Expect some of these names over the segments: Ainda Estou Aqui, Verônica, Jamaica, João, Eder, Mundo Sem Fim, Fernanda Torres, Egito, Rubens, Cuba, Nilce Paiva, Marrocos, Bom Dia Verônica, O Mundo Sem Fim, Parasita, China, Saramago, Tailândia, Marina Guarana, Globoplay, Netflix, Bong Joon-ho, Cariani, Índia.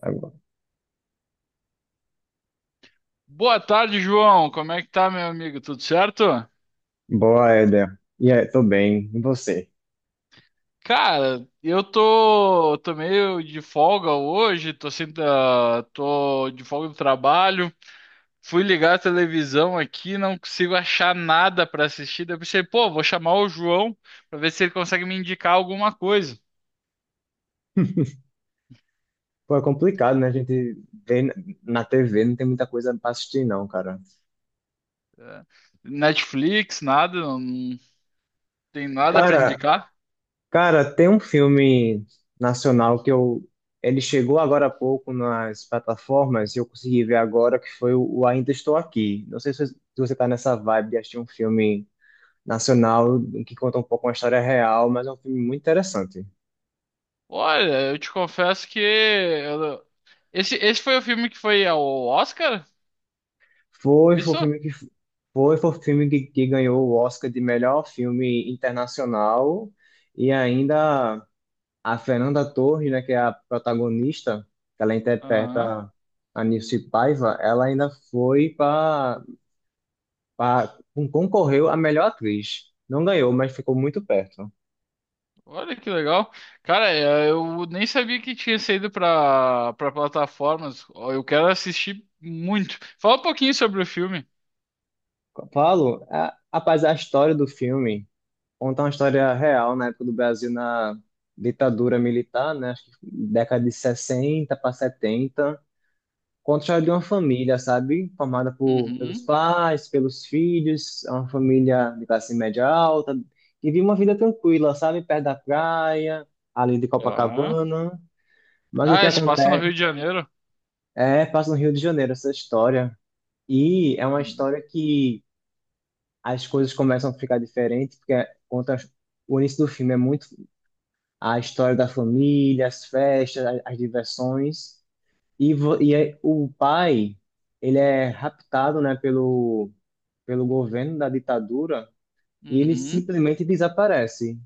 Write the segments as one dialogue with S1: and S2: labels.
S1: Agora.
S2: Boa tarde, João. Como é que tá, meu amigo? Tudo certo?
S1: Boa, Éder. E aí, tô bem. E você?
S2: Cara, eu tô meio de folga hoje, tô sem, tra- tô de folga do trabalho. Fui ligar a televisão aqui, não consigo achar nada pra assistir. Daí eu pensei, pô, vou chamar o João pra ver se ele consegue me indicar alguma coisa.
S1: Pô, é complicado, né? A gente vê na TV, não tem muita coisa pra assistir, não, cara.
S2: É, Netflix, nada, não tem nada pra
S1: Cara,
S2: indicar.
S1: Cara, tem um filme nacional que eu. Ele chegou agora há pouco nas plataformas e eu consegui ver agora, que foi o Ainda Estou Aqui. Não sei se você tá nessa vibe de assistir um filme nacional que conta um pouco uma história real, mas é um filme muito interessante.
S2: Olha, eu te confesso que esse foi o filme que foi ao Oscar?
S1: Foi, foi o
S2: Isso?
S1: filme que, foi, o filme que ganhou o Oscar de melhor filme internacional e ainda a Fernanda Torres, né, que é a protagonista, que ela
S2: Aham.
S1: interpreta a Nilce Paiva, ela ainda foi para concorreu a melhor atriz. Não ganhou, mas ficou muito perto.
S2: Olha que legal. Cara, é, eu nem sabia que tinha saído para para plataformas. Ó, eu quero assistir muito. Fala um pouquinho sobre o filme.
S1: Paulo, a, rapaz, a história do filme conta uma história real na época do Brasil na ditadura militar, né, acho que década de 60 para 70 conta de uma família, sabe? Formada por, pelos
S2: Uhum.
S1: pais, pelos filhos, é uma família de classe média alta, que vive uma vida tranquila, sabe? Perto da praia, ali de
S2: Tá.
S1: Copacabana. Mas o que
S2: Ah, se passa no
S1: acontece
S2: Rio de Janeiro.
S1: é, passa no Rio de Janeiro essa história. E é uma
S2: Uhum.
S1: história que as coisas começam a ficar diferentes, porque conta o início do filme é muito a história da família, as festas, as diversões. E, o pai, ele é raptado, né, pelo governo da ditadura e ele
S2: Uhum.
S1: simplesmente desaparece.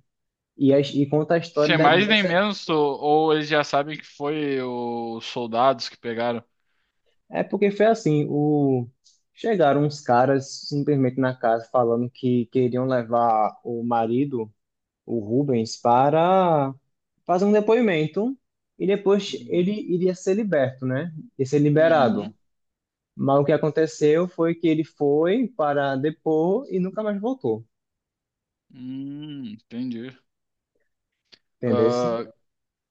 S1: E, e conta a história
S2: Sem mais nem
S1: dessa.
S2: menos, ou eles já sabem que foi os soldados que pegaram.
S1: É porque foi assim: o... chegaram uns caras simplesmente na casa falando que queriam levar o marido, o Rubens, para fazer um depoimento e depois ele
S2: Uhum.
S1: iria ser liberto, né? E ser liberado.
S2: Uhum.
S1: Mas o que aconteceu foi que ele foi para depor e nunca mais voltou.
S2: Entendi.
S1: Entendesse?
S2: Ah,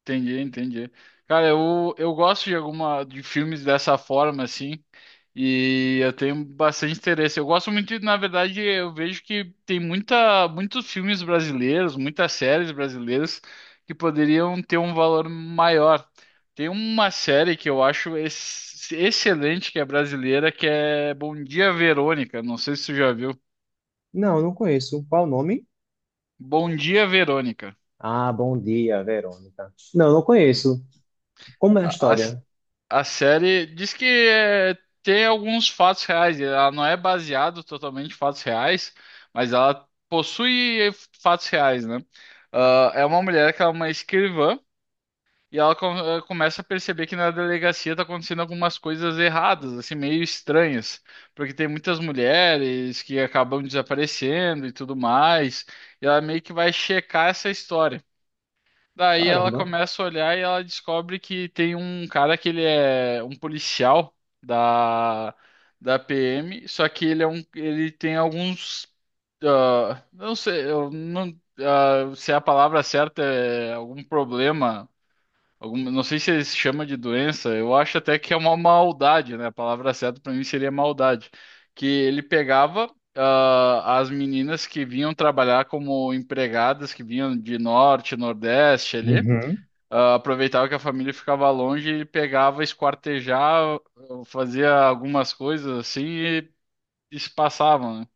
S2: entendi Cara, eu gosto de alguma de filmes dessa forma assim, e eu tenho bastante interesse. Eu gosto muito, de- na verdade, eu vejo que tem muita muitos filmes brasileiros, muitas séries brasileiras que poderiam ter um valor maior. Tem uma série que eu acho excelente que é brasileira, que é Bom Dia Verônica. Não sei se você já viu.
S1: Não, não conheço. Qual o nome?
S2: Bom Dia Verônica.
S1: Ah, bom dia, Verônica. Não, não conheço. Como é a
S2: A, a-
S1: história?
S2: A série diz que é, tem alguns fatos reais. Ela não é baseada totalmente em fatos reais, mas ela possui fatos reais, né? Ah, é uma mulher que é uma escrivã e começa a perceber que na delegacia tá acontecendo algumas coisas erradas, assim, meio estranhas, porque tem muitas mulheres que acabam desaparecendo e tudo mais. E ela meio que vai checar essa história. Daí ela
S1: Caramba.
S2: começa a olhar e ela descobre que tem um cara que ele é um policial da, da PM, só que ele é um, ele tem alguns, ah, não sei, eu não, ah, se é a palavra certa é algum problema, algum, não sei se ele se chama de doença, eu acho até que é uma maldade, né? A palavra certa para mim seria maldade, que ele pegava, ah, as meninas que vinham trabalhar como empregadas, que vinham de norte, nordeste ali.
S1: Uhum.
S2: Ah, aproveitava que a família ficava longe, ele pegava, esquartejava, fazia algumas coisas assim e se passavam, né?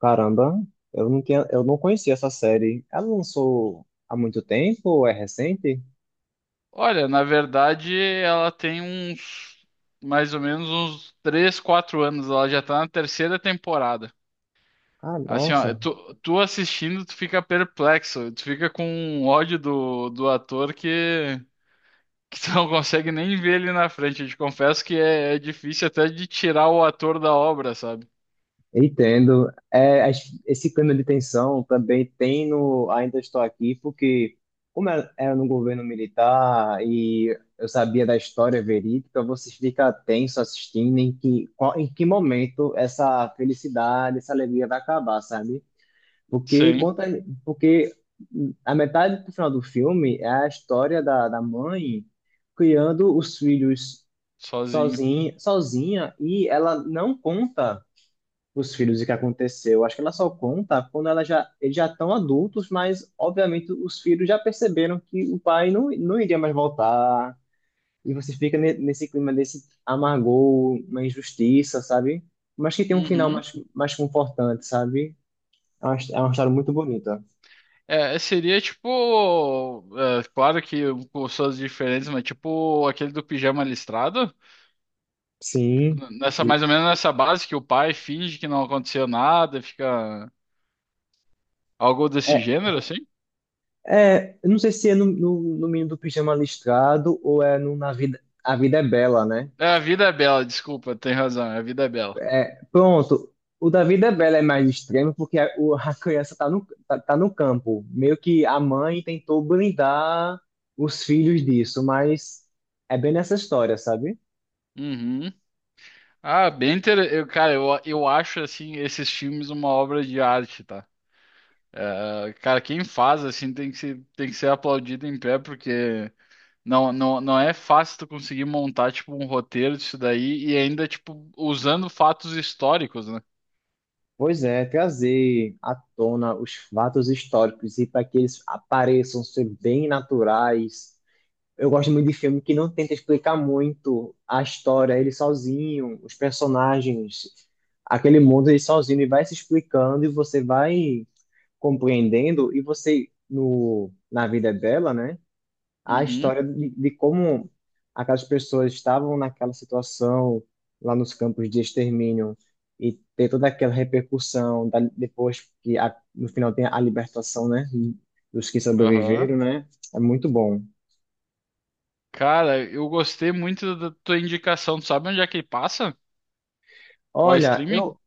S1: Caramba, eu não tinha, eu não conhecia essa série. Ela lançou há muito tempo ou é recente?
S2: Olha, na verdade, ela tem uns mais ou menos uns 3, 4 anos, ela já tá na terceira temporada.
S1: Ah,
S2: Assim, ó,
S1: nossa.
S2: tu assistindo, tu fica perplexo, tu fica com um ódio do ator que tu não consegue nem ver ele na frente. Eu te confesso que é difícil até de tirar o ator da obra, sabe?
S1: Entendo. É, esse clima de tensão também tem no Ainda Estou Aqui, porque como era no governo militar e eu sabia da história verídica, você fica tenso assistindo em que, em que momento essa felicidade, essa alegria vai acabar, sabe? Porque
S2: Sim,
S1: conta, porque a metade do final do filme é a história da mãe criando os filhos
S2: sozinho.
S1: sozinha, sozinha e ela não conta os filhos o que aconteceu. Acho que ela só conta quando ela já, eles já estão adultos, mas obviamente os filhos já perceberam que o pai não iria mais voltar. E você fica nesse clima desse amargor, uma injustiça, sabe? Mas que tem um final
S2: Uhum.
S1: mais confortante, sabe? É uma história muito bonita.
S2: É, seria tipo, é, claro que com suas diferentes, mas tipo aquele do pijama listrado,
S1: Sim.
S2: nessa
S1: E-
S2: mais ou menos nessa base que o pai finge que não aconteceu nada, fica algo desse
S1: É,
S2: gênero assim.
S1: é, eu não sei se é no menino do pijama listrado ou é no Na Vida, A Vida é Bela, né?
S2: É, a vida é bela, desculpa, tem razão, a vida é bela.
S1: É, pronto. O da Vida é Bela é mais extremo porque a, a criança tá tá no campo. Meio que a mãe tentou blindar os filhos disso, mas é bem nessa história, sabe?
S2: Uhum. Ah, bem interessante. Eu, cara, eu acho assim esses filmes uma obra de arte, tá? É, cara, quem faz assim tem que ser aplaudido em pé porque não, não é fácil tu conseguir montar, tipo, um roteiro disso daí e ainda, tipo, usando fatos históricos, né?
S1: Pois é, trazer à tona os fatos históricos e para que eles apareçam ser bem naturais. Eu gosto muito de filme que não tenta explicar muito a história, ele sozinho, os personagens, aquele mundo ele sozinho, ele vai se explicando e você vai compreendendo e você no na vida dela, né? A
S2: Uhum.
S1: história de como aquelas pessoas estavam naquela situação lá nos campos de extermínio e ter toda aquela repercussão da, depois que a, no final tem a libertação, né? Dos que
S2: Aham.
S1: sobreviveram, né? É muito bom.
S2: Cara, eu gostei muito da tua indicação. Tu sabe onde é que ele passa? Qual
S1: Olha,
S2: streaming?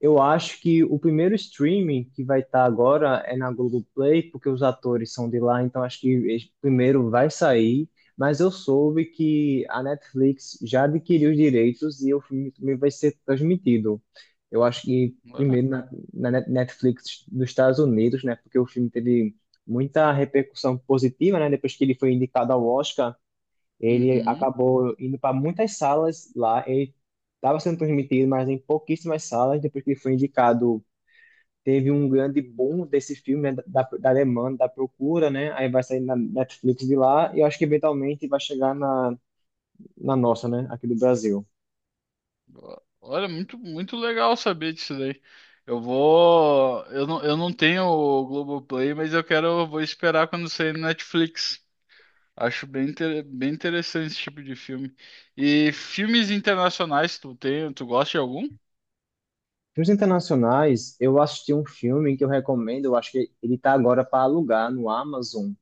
S1: eu acho que o primeiro streaming que vai estar agora é na Globoplay, porque os atores são de lá, então acho que esse primeiro vai sair. Mas eu soube que a Netflix já adquiriu os direitos e o filme também vai ser transmitido. Eu acho que
S2: Olha.
S1: primeiro na, Netflix dos Estados Unidos, né? Porque o filme teve muita repercussão positiva, né? Depois que ele foi indicado ao Oscar. Ele
S2: Uhum.
S1: acabou indo para muitas salas lá. Ele estava sendo transmitido, mas em pouquíssimas salas. Depois que ele foi indicado, teve um grande boom desse filme, né, da demanda, da procura, né? Aí vai sair na Netflix de lá e eu acho que eventualmente vai chegar na, na nossa, né? Aqui do Brasil.
S2: Olha, muito legal saber disso daí. Eu vou. Eu não tenho o Globoplay, mas eu quero. Eu vou esperar quando sair no Netflix. Acho bem, bem interessante esse tipo de filme. E filmes internacionais, tu gosta de algum?
S1: Filmes internacionais, eu assisti um filme que eu recomendo, eu acho que ele está agora para alugar no Amazon,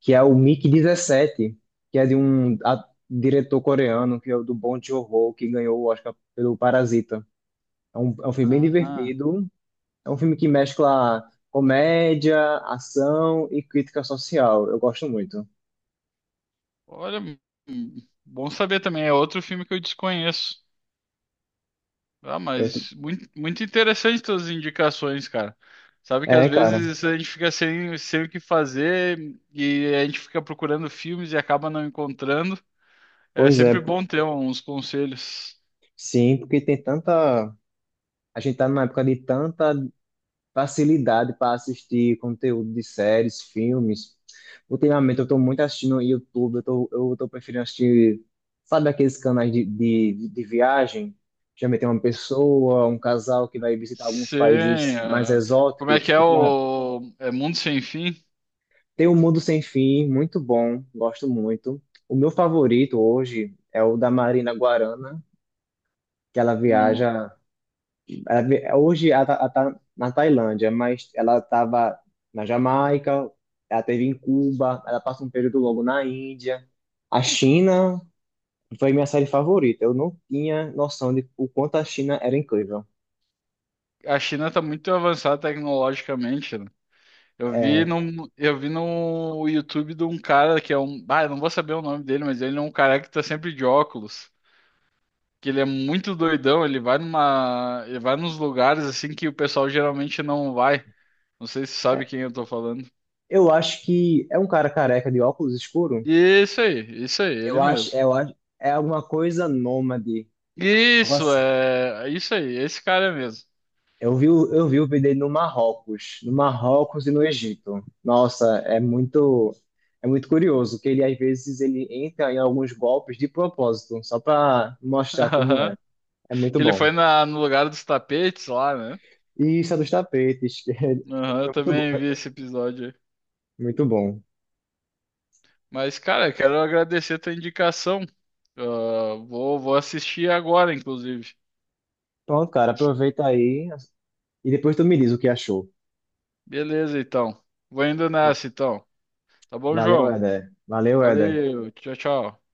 S1: que é o mig 17, que é de diretor coreano, que é o do Bong Joon-ho, que ganhou o Oscar pelo Parasita. É um filme bem
S2: Ah,
S1: divertido, é um filme que mescla comédia, ação e crítica social. Eu gosto muito.
S2: olha, bom saber também. É outro filme que eu desconheço. Ah,
S1: Eu t-
S2: mas muito interessante suas indicações, cara. Sabe que às
S1: é, cara,
S2: vezes a gente fica sem o que fazer e a gente fica procurando filmes e acaba não encontrando. É
S1: pois é,
S2: sempre
S1: p-
S2: bom ter uns conselhos.
S1: Sim, porque tem tanta. A gente tá numa época de tanta facilidade para assistir conteúdo de séries, filmes. Ultimamente eu estou muito assistindo no YouTube, eu tô preferindo assistir, sabe aqueles canais de viagem? Geralmente tem uma pessoa, um casal que vai visitar alguns
S2: Sim,
S1: países mais
S2: é. Como é
S1: exóticos.
S2: que é
S1: Ultima-
S2: o é Mundo Sem Fim?
S1: Tem O Mundo Sem Fim, muito bom, gosto muito. O meu favorito hoje é o da Marina Guarana, que ela
S2: Não,
S1: viaja. Hoje ela tá na Tailândia, mas ela estava na Jamaica, ela teve em Cuba, ela passa um período longo na Índia. A China foi minha série favorita. Eu não tinha noção de o quanto a China era incrível.
S2: a China está muito avançada tecnologicamente, né?
S1: É,
S2: Eu vi no YouTube de um cara que é um. Ah, eu não vou saber o nome dele, mas ele é um cara que tá sempre de óculos. Que ele é muito doidão, ele vai numa. Ele vai nos lugares assim que o pessoal geralmente não vai. Não sei se sabe
S1: é,
S2: quem eu tô falando.
S1: eu acho que é um cara careca de óculos escuro.
S2: Isso aí, é isso aí, ele
S1: Eu acho,
S2: mesmo.
S1: eu acho, é alguma coisa nômade.
S2: Isso, é. É isso aí, é esse cara mesmo.
S1: Eu vi, o vídeo dele no Marrocos, no Marrocos e no Egito. Nossa, é muito curioso que ele às vezes ele entra em alguns golpes de propósito, só para mostrar como é.
S2: Aham.
S1: É muito
S2: Que ele
S1: bom.
S2: foi na, no lugar dos tapetes lá, né?
S1: E isso é dos tapetes, que é
S2: Aham, eu
S1: muito bom,
S2: também vi esse episódio.
S1: é muito bom.
S2: Mas, cara, quero agradecer a tua indicação. Ah, vou, vou assistir agora, inclusive.
S1: Pronto, cara, aproveita aí e depois tu me diz o que achou.
S2: Beleza, então. Vou indo
S1: Va-
S2: nessa, então. Tá bom,
S1: Valeu,
S2: João?
S1: Eder. Valeu, Eder.
S2: Valeu, tchau, tchau.